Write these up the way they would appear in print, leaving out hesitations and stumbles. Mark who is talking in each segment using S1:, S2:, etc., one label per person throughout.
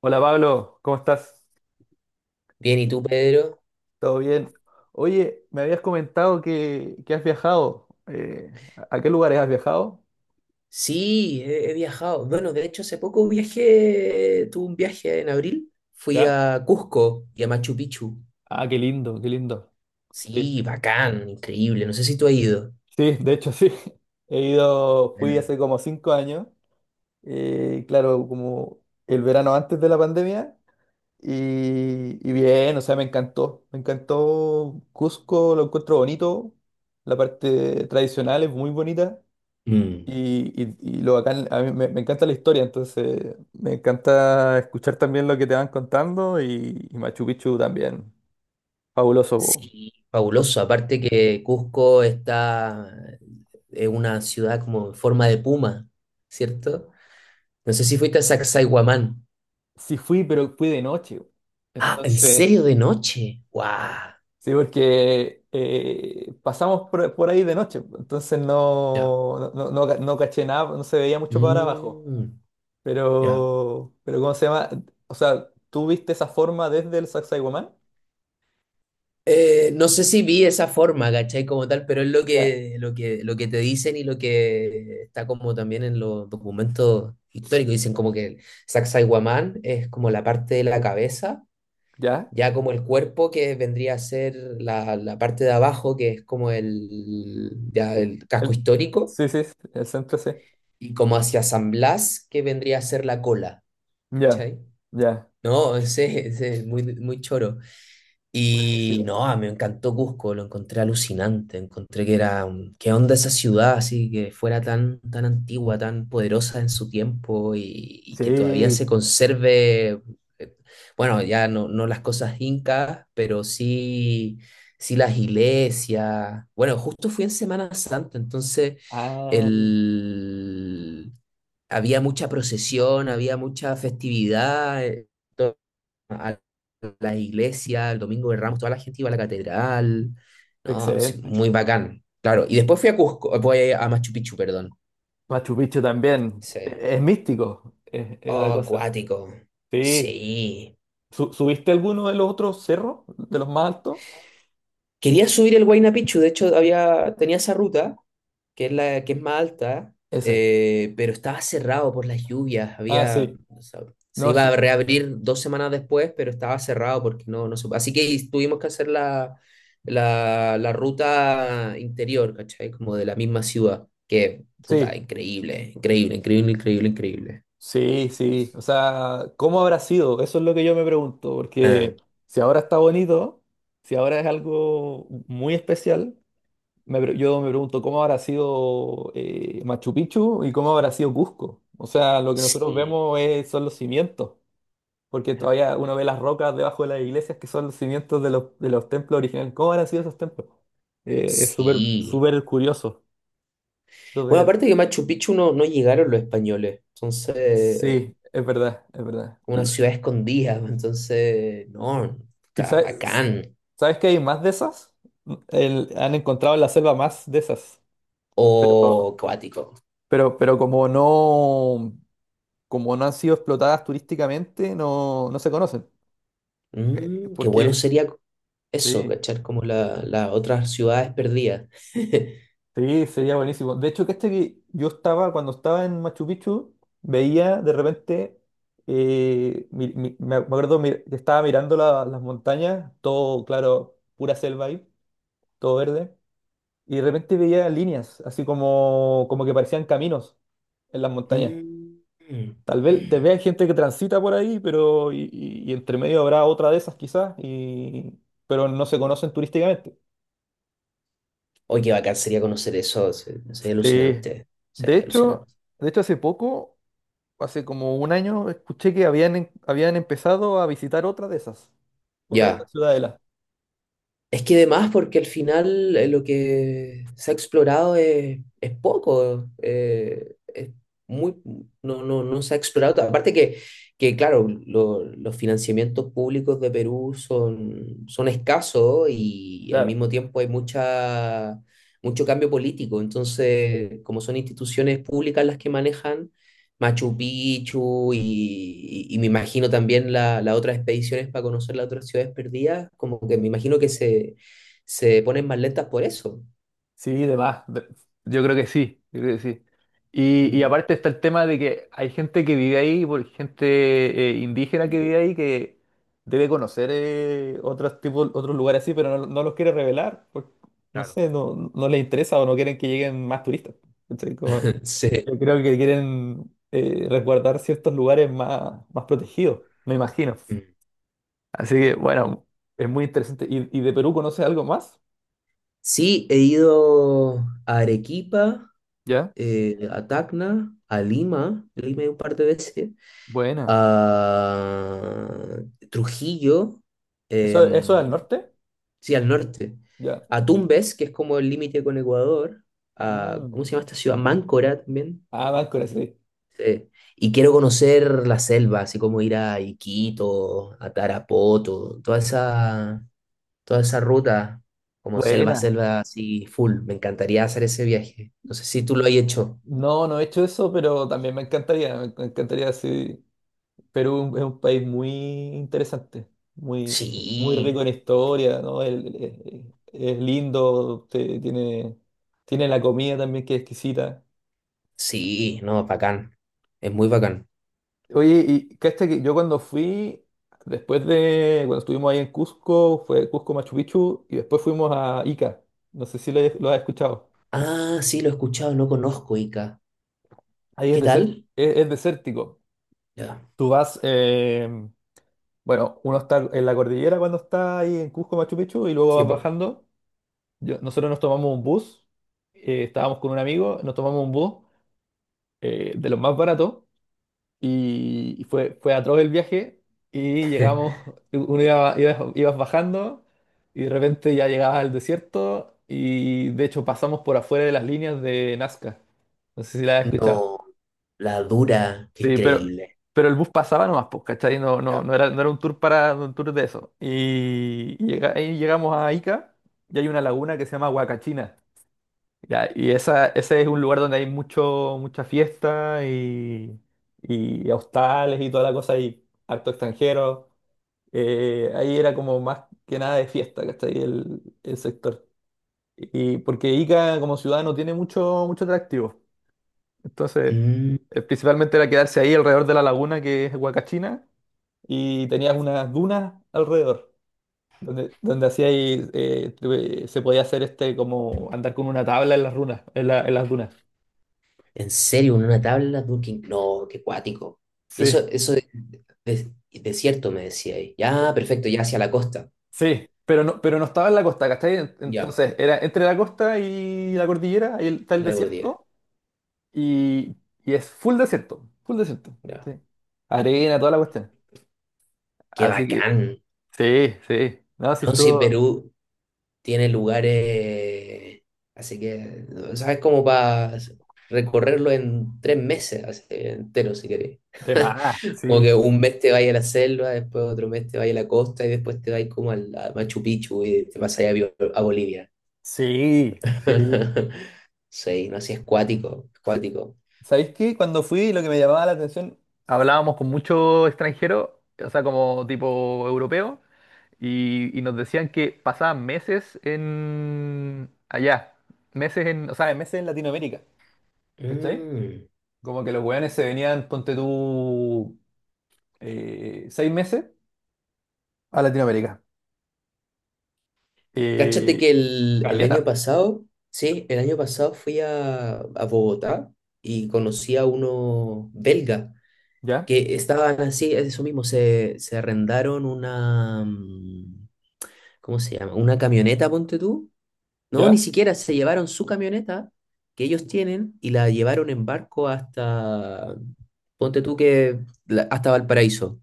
S1: Hola Pablo, ¿cómo estás?
S2: Bien, ¿y tú, Pedro?
S1: ¿Todo bien? Oye, me habías comentado que has viajado. ¿A qué lugares has viajado?
S2: Sí, he viajado. Bueno, de hecho, hace poco viajé, tuve un viaje en abril. Fui
S1: ¿Ya?
S2: a Cusco y a Machu Picchu.
S1: Ah, qué lindo, qué lindo. Sí.
S2: Sí, bacán, increíble. No sé si tú has ido.
S1: Sí, de hecho sí. He ido, fui
S2: Buena.
S1: hace como 5 años, claro, como el verano antes de la pandemia, y bien, o sea, me encantó Cusco, lo encuentro bonito, la parte tradicional es muy bonita.
S2: Mm.
S1: Y lo bacán, a mí me encanta la historia, entonces me encanta escuchar también lo que te van contando y Machu Picchu también, fabuloso,
S2: Sí,
S1: po. O-
S2: fabuloso. Aparte que Cusco está en una ciudad como en forma de puma, ¿cierto? No sé si fuiste a Sacsayhuamán.
S1: Sí fui, pero fui de noche, po.
S2: Ah, ¿en
S1: Entonces,
S2: serio de noche? ¡Guau!
S1: sí, porque pasamos por ahí de noche, po, entonces
S2: Ya.
S1: no caché nada, no se veía mucho para abajo.
S2: Mm, ya.
S1: Pero ¿cómo se llama? O sea, ¿tú viste esa forma desde el Sacsayhuamán?
S2: No sé si vi esa forma, ¿cachai? Como tal, pero es lo
S1: Ya.
S2: que, lo que, lo que te dicen y lo que está como también en los documentos históricos. Dicen como que el Sacsayhuamán es como la parte de la cabeza,
S1: ¿Ya?
S2: ya como el cuerpo que vendría a ser la parte de abajo, que es como ya el casco
S1: El-
S2: histórico,
S1: sí, sí, el centro sí.
S2: y como hacia San Blas, que vendría a ser la cola,
S1: Ya,
S2: ¿cachai?
S1: ya.
S2: No, ese es muy, muy choro. Y
S1: Buenísimo.
S2: no, ah, me encantó Cusco, lo encontré alucinante, encontré que era, qué onda esa ciudad, así que fuera tan, tan antigua, tan poderosa en su tiempo y que todavía
S1: Sí.
S2: se conserve, eh, bueno, ya no, no las cosas incas, pero sí, sí las iglesias. Bueno, justo fui en Semana Santa, entonces
S1: Ah,
S2: el... había mucha procesión, había mucha festividad. A la iglesia, el domingo de Ramos, toda la gente iba a la catedral, ¿no? Sí,
S1: excelente.
S2: muy bacán, claro. Y después fui a Cusco, voy a Machu Picchu, perdón.
S1: Machu Picchu también.
S2: Sí.
S1: Es místico, es la
S2: Oh,
S1: cosa.
S2: acuático.
S1: Sí.
S2: Sí.
S1: ¿Subiste alguno de los otros cerros, de los más altos?
S2: Quería subir el Huayna Picchu, de hecho tenía esa ruta, que es la que es más alta,
S1: Ese.
S2: pero estaba cerrado por las lluvias.
S1: Ah,
S2: Había,
S1: sí.
S2: o sea, se
S1: No,
S2: iba
S1: sí,
S2: a reabrir 2 semanas después, pero estaba cerrado porque no, no se- Así que tuvimos que hacer la ruta interior, ¿cachai? Como de la misma ciudad, que, puta,
S1: sí,
S2: increíble, increíble, increíble, increíble, increíble.
S1: sí, sí. O sea, ¿cómo habrá sido? Eso es lo que yo me pregunto,
S2: Ah,
S1: porque si ahora está bonito, si ahora es algo muy especial. Yo me pregunto cómo habrá sido Machu Picchu y cómo habrá sido Cusco. O sea, lo que nosotros
S2: sí,
S1: vemos son los cimientos, porque
S2: claro,
S1: todavía uno ve las rocas debajo de las iglesias que son los cimientos de los templos originales. ¿Cómo habrán sido esos templos? Es súper,
S2: sí.
S1: súper curioso.
S2: Bueno,
S1: Súper...
S2: aparte que Machu Picchu no, no llegaron los españoles, entonces
S1: Sí, es verdad, es verdad.
S2: como una ciudad escondida, entonces, no,
S1: ¿Y
S2: está
S1: sabes,
S2: bacán.
S1: sabes que hay más de esas? Han encontrado en la selva más de esas. Pero,
S2: O cuático.
S1: pero como no, como no han sido explotadas turísticamente, no, no se conocen.
S2: Mm, qué bueno
S1: Porque
S2: sería eso,
S1: sí,
S2: cachar como las otras ciudades perdidas.
S1: sí, sería buenísimo. De hecho, que este que yo estaba, cuando estaba en Machu Picchu, veía de repente, me acuerdo que estaba mirando las montañas, todo, claro, pura selva ahí, todo verde, y de repente veía líneas, así como, como que parecían caminos en las montañas.
S2: Mm, mm.
S1: Tal vez te vea gente que transita por ahí, pero y, y entre medio habrá otra de esas quizás, y pero no se conocen turísticamente.
S2: Oye, qué bacán sería conocer eso, sería
S1: Sí.
S2: alucinante,
S1: De
S2: sería
S1: hecho,
S2: alucinante.
S1: de hecho hace poco, hace como un año, escuché que habían empezado a visitar otra de esas. Otra de esas
S2: Ya,
S1: ciudadelas.
S2: es que además, porque al final lo que se ha explorado es poco, es muy, no, no, no se ha explorado tanto. Aparte que claro, los financiamientos públicos de Perú son escasos y, al
S1: Claro.
S2: mismo tiempo hay mucho cambio político. Entonces, como son instituciones públicas las que manejan, Machu Picchu y me imagino también las otras expediciones para conocer las otras ciudades perdidas, como que me imagino que se ponen más lentas por eso.
S1: Sí, de más. Yo creo que sí, yo creo que sí. Y
S2: Mm.
S1: aparte está el tema de que hay gente que vive ahí, por gente indígena que
S2: Mm,
S1: vive ahí, que debe conocer otros tipos, otros lugares así, pero no, no los quiere revelar, porque no
S2: claro.
S1: sé, no, no les interesa o no quieren que lleguen más turistas. ¿Cachai?
S2: Sí.
S1: Yo creo que quieren resguardar ciertos lugares más, más protegidos, me imagino.
S2: Mm.
S1: Así que, bueno, es muy interesante. Y de Perú conoces algo más?
S2: Sí, he ido a Arequipa,
S1: ¿Ya?
S2: a Tacna, a Lima, Lima he ido un par de veces,
S1: Buena.
S2: a Trujillo,
S1: ¿Eso, eso es al
S2: em,
S1: norte?
S2: sí, al norte,
S1: Ya.
S2: a Tumbes, que es como el límite con Ecuador, a,
S1: Ah,
S2: ¿cómo se llama esta ciudad? Máncora también.
S1: Ah, Máscara, sí.
S2: Sí. Y quiero conocer la selva, así como ir a Iquitos, a Tarapoto, toda esa ruta, como selva,
S1: Buena.
S2: selva, así full. Me encantaría hacer ese viaje. No sé si tú lo has hecho.
S1: No, no he hecho eso, pero también me encantaría, me encantaría, sí. Perú es un país muy interesante, muy, muy rico
S2: Sí,
S1: en historia, ¿no? Es lindo, tiene, tiene la comida también que es exquisita.
S2: sí, no, bacán. Es muy bacán.
S1: Oye, y cacha que yo cuando fui, después de, cuando estuvimos ahí en Cusco, fue Cusco Machu Picchu, y después fuimos a Ica. No sé si lo, lo has escuchado.
S2: Ah, sí, lo he escuchado, no conozco Ica.
S1: Ahí es
S2: ¿Qué
S1: desértico,
S2: tal?
S1: es desértico.
S2: Ya.
S1: Tú vas, bueno, uno está en la cordillera cuando está ahí en Cusco, Machu Picchu, y luego
S2: Sí,
S1: vas
S2: po.
S1: bajando. Nosotros nos tomamos un bus, estábamos con un amigo, nos tomamos un bus de los más baratos, y fue, fue atroz el viaje, y llegamos, uno iba, ibas bajando, y de repente ya llegabas al desierto, y de hecho pasamos por afuera de las líneas de Nazca. No sé si la has escuchado.
S2: No. La dura, qué
S1: Sí,
S2: increíble.
S1: pero el bus pasaba nomás, pues, ¿cachai? No, no,
S2: Ya.
S1: no era, no era un tour para un tour de eso. Y ahí llegamos a Ica y hay una laguna que se llama Huacachina. Ya, y esa, ese es un lugar donde hay mucho, mucha fiesta y hostales y toda la cosa y acto extranjero. Ahí era como más que nada de fiesta, ¿cachai? El sector. Y porque Ica como ciudad no tiene mucho, mucho atractivo. Entonces,
S2: Mm,
S1: principalmente era quedarse ahí alrededor de la laguna que es Huacachina y tenías unas dunas alrededor, donde, donde hacía ahí, se podía hacer este como andar con una tabla en las runas, en en las dunas.
S2: ¿en serio? ¿En una tabla? Dura, no, qué cuático.
S1: Sí,
S2: Eso de, de- desierto me decía ahí. Ya, perfecto, ya hacia la costa.
S1: sí, pero no estaba en la costa, ¿cachai?
S2: Ya,
S1: Entonces, era entre la costa y la cordillera, ahí está
S2: y
S1: el
S2: la cordillera.
S1: desierto y, y es full desierto, full desierto.
S2: Ya.
S1: Sí. Arena, toda la cuestión.
S2: Qué
S1: Así que,
S2: bacán.
S1: sí, sí, no, sí
S2: No, sí,
S1: estuvo
S2: Perú tiene lugares, así que, ¿sabes? Como para recorrerlo en 3 meses así, entero, si querés.
S1: de más,
S2: Como
S1: sí.
S2: que un mes te vayas a la selva, después otro mes te vayas a la costa y después te vayas como a Machu Picchu y te vas allá a Bolivia.
S1: Sí, sí.
S2: Sí, no, así es cuático, es cuático.
S1: ¿Sabéis qué? Cuando fui, lo que me llamaba la atención, hablábamos con muchos extranjeros, o sea, como tipo europeo, y nos decían que pasaban meses en allá, meses en, o sea, ¿sabes? Meses en Latinoamérica, ¿cachai?
S2: Mm.
S1: Como que los weones se venían, ponte tú, 6 meses a Latinoamérica. Eh,
S2: Cáchate que el año
S1: caleta,
S2: pasado, sí, el año pasado fui a Bogotá y conocí a uno belga
S1: ¿ya?
S2: que estaban así, es eso mismo, se arrendaron una, ¿cómo se llama? Una camioneta, ponte tú. No, ni
S1: ¿Ya?
S2: siquiera se llevaron su camioneta que ellos tienen y la llevaron en barco hasta, ponte tú que, hasta Valparaíso,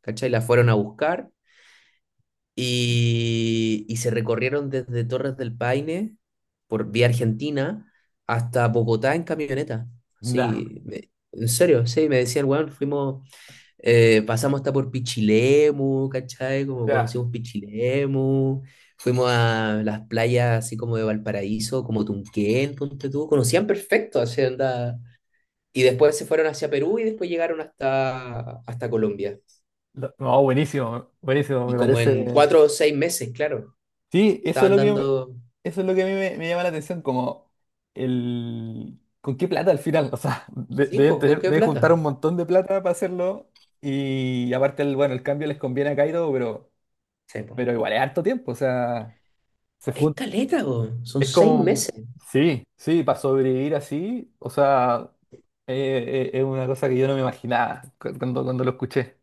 S2: ¿cachai? La fueron a buscar y se recorrieron desde Torres del Paine por vía Argentina hasta Bogotá en camioneta.
S1: Nah.
S2: Sí, en serio, sí, me decían, weón, fuimos pasamos hasta por Pichilemu, ¿cachai? Como
S1: Ya.
S2: conocimos Pichilemu, fuimos a las playas así como de Valparaíso, como Tunquén, ponte tú, conocían perfecto, así onda. Y después se fueron hacia Perú y después llegaron hasta Colombia.
S1: No, buenísimo, buenísimo,
S2: Y
S1: me
S2: como
S1: parece.
S2: en 4 o 6 meses, claro,
S1: Sí, eso es
S2: estaban
S1: lo que,
S2: dando...
S1: eso es lo que a mí me llama la atención, como el... ¿Con qué plata al final? O sea, de-
S2: Sí,
S1: deben
S2: pues, ¿con
S1: tener-
S2: qué
S1: deben juntar
S2: plata?
S1: un montón de plata para hacerlo y aparte, el, bueno, el cambio les conviene a Kaido,
S2: Sí, po.
S1: pero igual es harto tiempo, o sea, se
S2: Es
S1: jun-
S2: caleta, po. Son
S1: Es
S2: seis
S1: como...
S2: meses.
S1: Sí, sí, para sobrevivir así, o sea, es una cosa que yo no me imaginaba cuando lo escuché.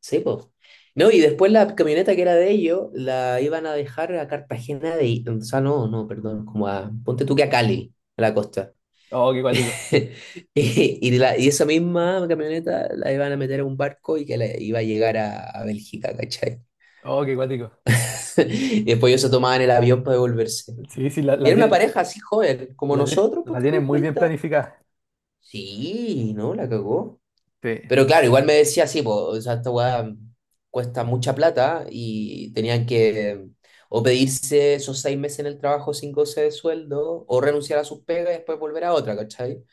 S2: Sí, pues. No, y después la camioneta que era de ellos la iban a dejar a Cartagena de... O sea, no, no, perdón, como a... Ponte tú que a Cali, a la costa.
S1: Oh, qué cuático,
S2: Y esa misma camioneta la iban a meter a un barco y que la iba a llegar a Bélgica, ¿cachai?
S1: oh, qué cuático.
S2: Y después ellos se tomaban el avión para devolverse.
S1: Sí, sí, la,
S2: Y
S1: la
S2: era una
S1: tienen,
S2: pareja así joven, como
S1: la, tien-
S2: nosotros, pues
S1: la
S2: tú,
S1: tienen muy bien
S2: 30.
S1: planificada.
S2: Sí, no, la cagó.
S1: Sí.
S2: Pero claro, igual me decía, sí, po, o sea, esta weá cuesta mucha plata y tenían que o pedirse esos 6 meses en el trabajo sin goce de sueldo o renunciar a sus pegas y después volver a otra, ¿cachai?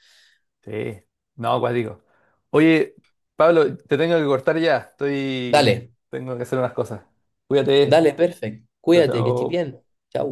S1: Sí, no, acuático. Oye, Pablo, te tengo que cortar ya. Estoy.
S2: Dale,
S1: Tengo que hacer unas cosas. Cuídate.
S2: dale, perfecto.
S1: Chao,
S2: Cuídate, que estés
S1: chao.
S2: bien. Chau.